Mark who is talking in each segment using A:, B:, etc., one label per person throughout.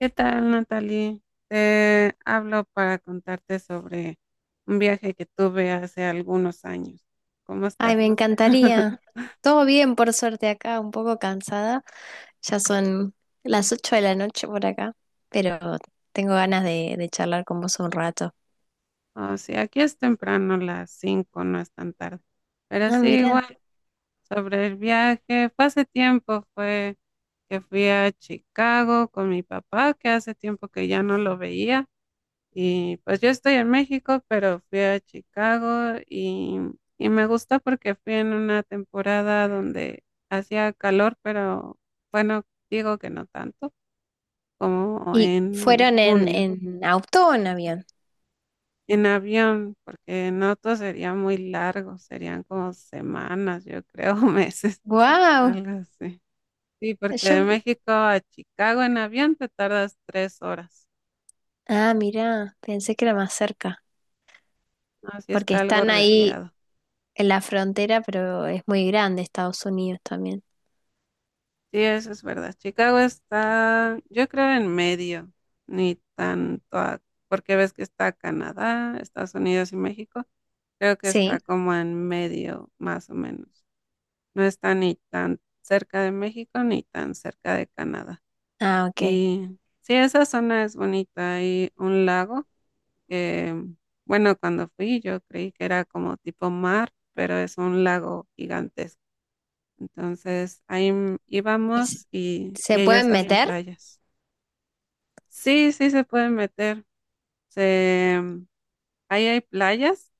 A: ¿Qué tal, Natalie? Te hablo para contarte sobre un viaje que tuve hace algunos años. ¿Cómo
B: Ay,
A: estás?
B: me encantaría. Todo bien, por suerte acá, un poco cansada. Ya son las 8 de la noche por acá, pero tengo ganas de charlar con vos un rato.
A: O sea, aquí es temprano, las 5, no es tan tarde. Pero
B: Ah,
A: sí,
B: mira.
A: igual, sobre el viaje, fue hace tiempo, fue que fui a Chicago con mi papá, que hace tiempo que ya no lo veía. Y pues yo estoy en México, pero fui a Chicago y me gustó porque fui en una temporada donde hacía calor, pero bueno, digo que no tanto como
B: ¿Y
A: en
B: fueron en,
A: junio.
B: en auto o en avión?
A: En avión, porque en auto sería muy largo, serían como semanas, yo creo, meses,
B: ¡Wow!
A: algo así. Sí, porque de
B: Yo,
A: México a Chicago en avión te tardas 3 horas.
B: ah, mira, pensé que era más cerca,
A: Así
B: porque
A: está algo
B: están ahí
A: retirado.
B: en la frontera, pero es muy grande Estados Unidos también.
A: Sí, eso es verdad. Chicago está, yo creo, en medio, ni tanto, porque ves que está Canadá, Estados Unidos y México. Creo que está
B: Sí.
A: como en medio, más o menos. No está ni tan cerca de México ni tan cerca de Canadá.
B: Ah, ok.
A: Y sí, esa zona es bonita. Hay un lago que, bueno, cuando fui yo creí que era como tipo mar, pero es un lago gigantesco. Entonces,
B: ¿Y se
A: íbamos
B: se
A: y ellos
B: pueden
A: hacen
B: meter?
A: playas. Sí, sí se pueden meter. Se, mm, ahí hay playas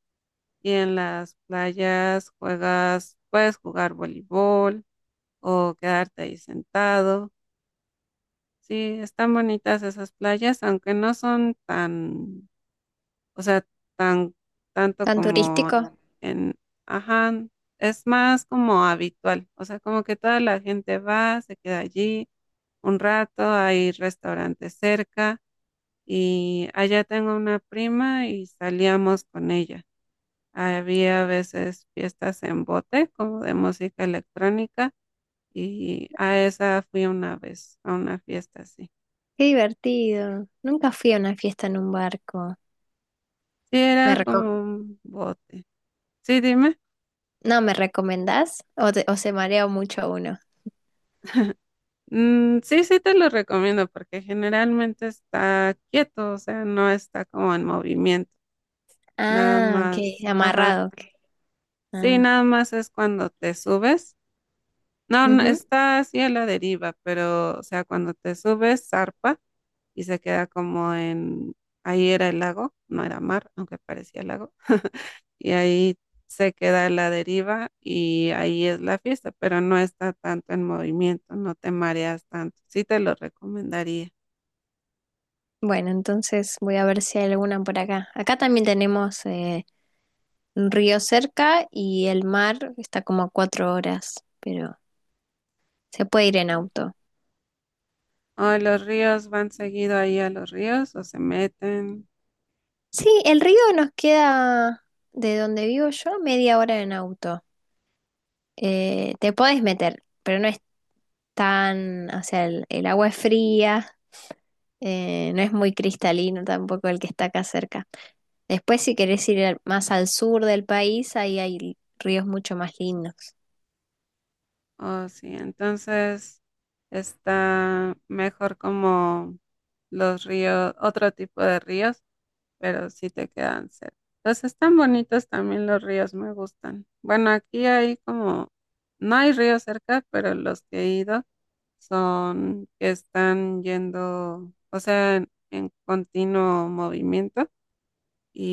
A: y en las playas juegas, puedes jugar voleibol o quedarte ahí sentado. Sí, están bonitas esas playas, aunque no son tan, o sea, tan, tanto
B: ¿Tan
A: como
B: turístico?
A: en, ajá, es más como habitual. O sea, como que toda la gente va, se queda allí un rato, hay restaurantes cerca y allá tengo una prima y salíamos con ella. Había a veces fiestas en bote, como de música electrónica, y a esa fui una vez, a una fiesta así.
B: Qué divertido. Nunca fui a una fiesta en un barco.
A: Sí,
B: ¿Me
A: era
B: reco-
A: como un bote. Sí, dime.
B: no, ¿me recomendás? ¿O, o se marea mucho uno?
A: Mm, sí, sí te lo recomiendo porque generalmente está quieto, o sea, no está como en movimiento. Nada
B: Ah, ok,
A: más, ajá.
B: amarrado. Ok.
A: Sí,
B: Ah,
A: nada más es cuando te subes. No, no,
B: ujú.
A: está así a la deriva, pero, o sea, cuando te subes, zarpa y se queda ahí era el lago, no era mar, aunque parecía lago, y ahí se queda a la deriva y ahí es la fiesta, pero no está tanto en movimiento, no te mareas tanto. Sí te lo recomendaría.
B: Bueno, entonces voy a ver si hay alguna por acá. Acá también tenemos un río cerca y el mar está como a 4 horas, pero se puede ir en auto.
A: O los ríos van seguido ahí a los ríos, o se meten,
B: Sí, el río nos queda de donde vivo yo media hora en auto. Te podés meter, pero no es tan, o sea, el agua es fría, no es muy cristalino tampoco el que está acá cerca. Después, si querés ir más al sur del país, ahí hay ríos mucho más lindos.
A: o sí, entonces está mejor como los ríos, otro tipo de ríos pero sí te quedan cerca. Los están bonitos también los ríos, me gustan. Bueno, aquí hay como, no hay ríos cerca, pero los que he ido son que están yendo, o sea, en continuo movimiento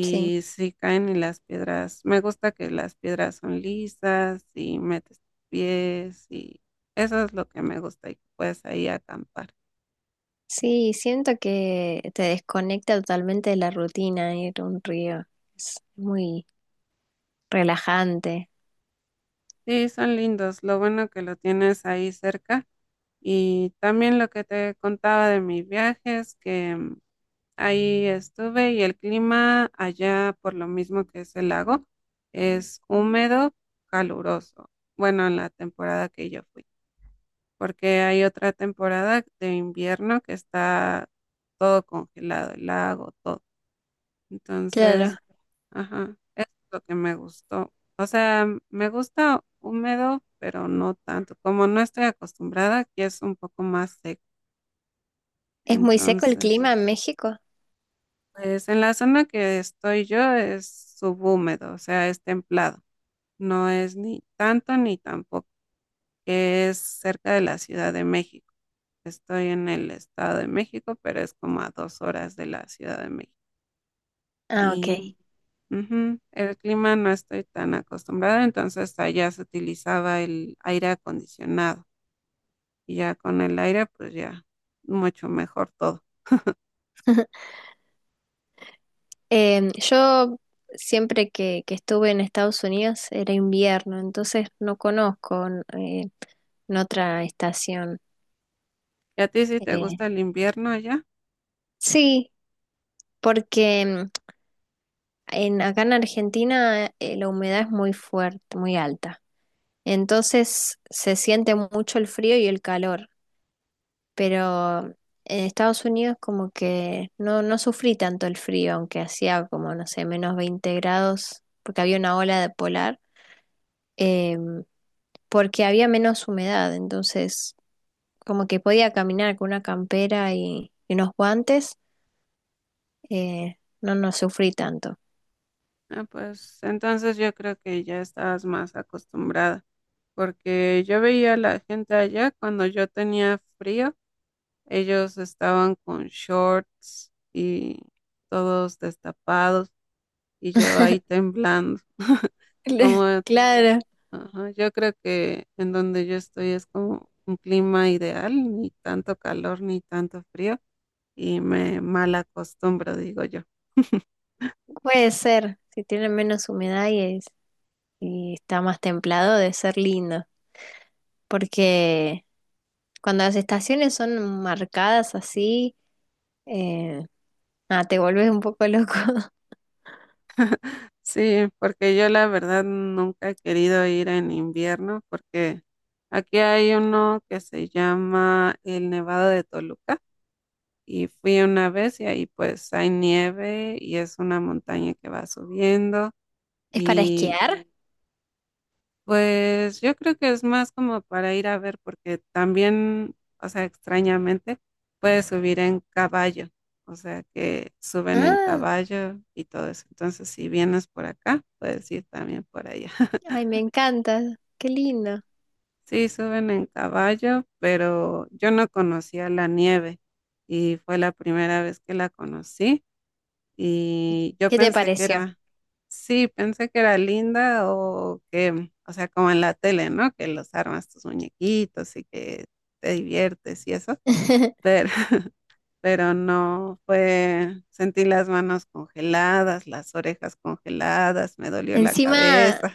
B: Sí,
A: si caen y las piedras, me gusta que las piedras son lisas y metes tus pies y eso es lo que me gusta y que puedes ahí acampar.
B: sí, siento que te desconecta totalmente de la rutina ir a un río. Es muy relajante.
A: Sí, son lindos. Lo bueno que lo tienes ahí cerca. Y también lo que te contaba de mis viajes, que ahí estuve y el clima allá, por lo mismo que es el lago, es húmedo, caluroso. Bueno, en la temporada que yo fui, porque hay otra temporada de invierno que está todo congelado, el lago, todo.
B: Claro.
A: Entonces, ajá, es lo que me gustó. O sea, me gusta húmedo, pero no tanto. Como no estoy acostumbrada, aquí es un poco más seco.
B: ¿Es muy seco el
A: Entonces,
B: clima en México?
A: pues en la zona que estoy yo es subhúmedo, o sea, es templado. No es ni tanto ni tampoco, que es cerca de la Ciudad de México. Estoy en el Estado de México, pero es como a 2 horas de la Ciudad de México.
B: Ah, ok.
A: Y ujú, el clima no estoy tan acostumbrada, entonces allá se utilizaba el aire acondicionado. Y ya con el aire, pues ya mucho mejor todo.
B: Yo siempre que estuve en Estados Unidos era invierno, entonces no conozco eh, en otra estación.
A: ¿Y a ti si te
B: Eh,
A: gusta el invierno allá?
B: sí, porque acá en Argentina la humedad es muy fuerte, muy alta. Entonces se siente mucho el frío y el calor, pero en Estados Unidos como que no, no sufrí tanto el frío, aunque hacía como, no sé, -20 grados, porque había una ola de polar. em, Porque había menos humedad, entonces como que podía caminar con una campera y unos guantes, no, no sufrí tanto.
A: Ah, pues entonces yo creo que ya estabas más acostumbrada, porque yo veía a la gente allá cuando yo tenía frío, ellos estaban con shorts y todos destapados y yo ahí temblando. Como,
B: Claro,
A: ajá, yo creo que en donde yo estoy es como un clima ideal, ni tanto calor ni tanto frío y me mal acostumbro, digo yo.
B: puede ser, si tiene menos humedad y está más templado, debe ser lindo, porque cuando las estaciones son marcadas así, eh, te volvés un poco loco.
A: Sí, porque yo la verdad nunca he querido ir en invierno porque aquí hay uno que se llama el Nevado de Toluca y fui una vez y ahí pues hay nieve y es una montaña que va subiendo
B: ¿Es para
A: y
B: esquiar?
A: pues yo creo que es más como para ir a ver porque también, o sea, extrañamente puedes subir en caballo, o sea que suben en
B: Ah,
A: caballo y todo eso. Entonces, si vienes por acá, puedes ir también por allá.
B: ay, me encanta, qué lindo.
A: Sí, suben en caballo, pero yo no conocía la nieve y fue la primera vez que la conocí y yo
B: ¿Qué te
A: pensé que
B: pareció?
A: era, sí, pensé que era linda o que, o sea, como en la tele, ¿no? Que los armas tus muñequitos y que te diviertes y eso, pero, pero no fue, sentí las manos congeladas, las orejas congeladas, me dolió la
B: Encima,
A: cabeza.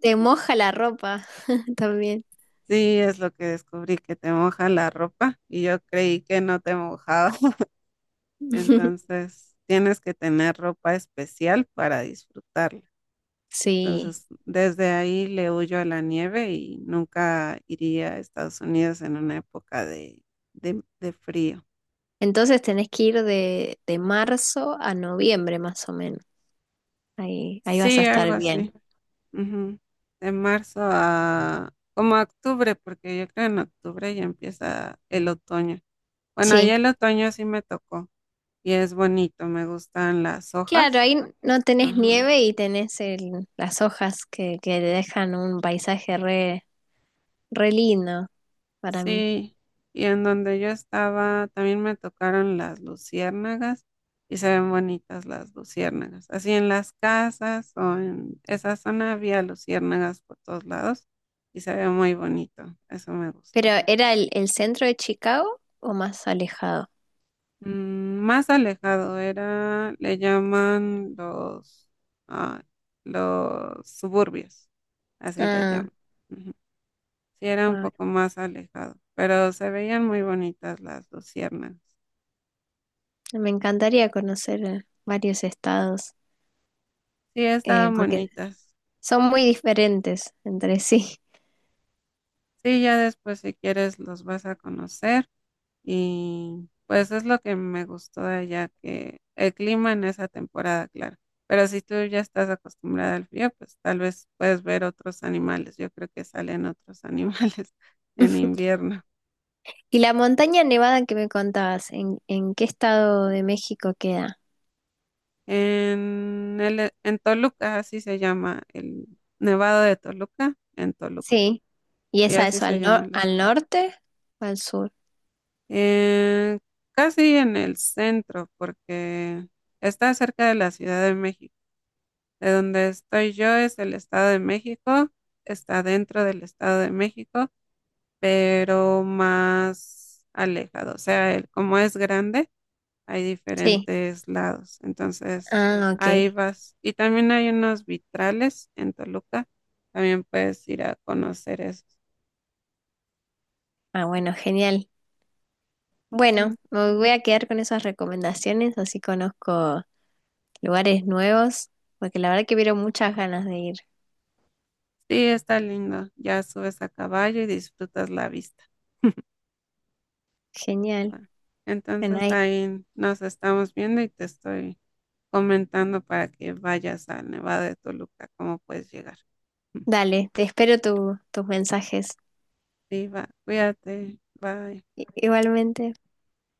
B: te moja la ropa también.
A: Sí, es lo que descubrí, que te moja la ropa y yo creí que no te mojaba. Entonces, tienes que tener ropa especial para disfrutarla.
B: Sí.
A: Entonces, desde ahí le huyo a la nieve y nunca iría a Estados Unidos en una época de, de frío.
B: Entonces tenés que ir de marzo a noviembre más o menos. Ahí, ahí vas a
A: Sí, algo
B: estar bien.
A: así. Ujú. De marzo a como a octubre, porque yo creo en octubre ya empieza el otoño. Bueno, ya
B: Sí.
A: el otoño sí me tocó y es bonito, me gustan las
B: Claro,
A: hojas.
B: ahí no tenés
A: Ajá.
B: nieve y tenés las hojas que le dejan un paisaje re, re lindo para mí.
A: Sí, y en donde yo estaba también me tocaron las luciérnagas y se ven bonitas las luciérnagas. Así en las casas o en esa zona había luciérnagas por todos lados y se ve muy bonito, eso me
B: Pero
A: gustó.
B: ¿era el centro de Chicago o más alejado?
A: Mm, más alejado era, le llaman los, ah, los suburbios, así les
B: Ah,
A: llaman. Ujú. Sí, era un
B: ah,
A: poco más alejado, pero se veían muy bonitas las luciernas.
B: me encantaría conocer varios estados
A: Sí, estaban
B: porque
A: bonitas.
B: son muy diferentes entre sí.
A: Sí, ya después si quieres los vas a conocer y pues es lo que me gustó de allá, que el clima en esa temporada, claro. Pero si tú ya estás acostumbrada al frío, pues tal vez puedes ver otros animales. Yo creo que salen otros animales en invierno.
B: Y la montaña nevada que me contabas, en qué estado de México queda?
A: En Toluca, así se llama, el Nevado de Toluca, en Toluca.
B: Sí. ¿Y
A: Sí,
B: esa
A: así
B: es
A: se
B: al
A: llama el
B: al
A: estado.
B: norte o al sur?
A: Eh, casi en el centro, porque está cerca de la Ciudad de México. De donde estoy yo es el Estado de México, está dentro del Estado de México, pero más alejado. O sea, como es grande, hay
B: Sí.
A: diferentes lados. Entonces,
B: Ah, ok.
A: ahí vas. Y también hay unos vitrales en Toluca. También puedes ir a conocer eso.
B: Ah, bueno, genial. Bueno, me voy a quedar con esas recomendaciones, así conozco lugares nuevos, porque la verdad que vieron muchas ganas de ir.
A: Sí, está lindo. Ya subes a caballo y disfrutas la vista.
B: Genial.
A: ¿Va?
B: Bueno,
A: Entonces
B: ahí-
A: ahí nos estamos viendo y te estoy comentando para que vayas al Nevado de Toluca, cómo puedes llegar.
B: Dale, te espero tus mensajes.
A: Sí, va, cuídate, bye.
B: Igualmente.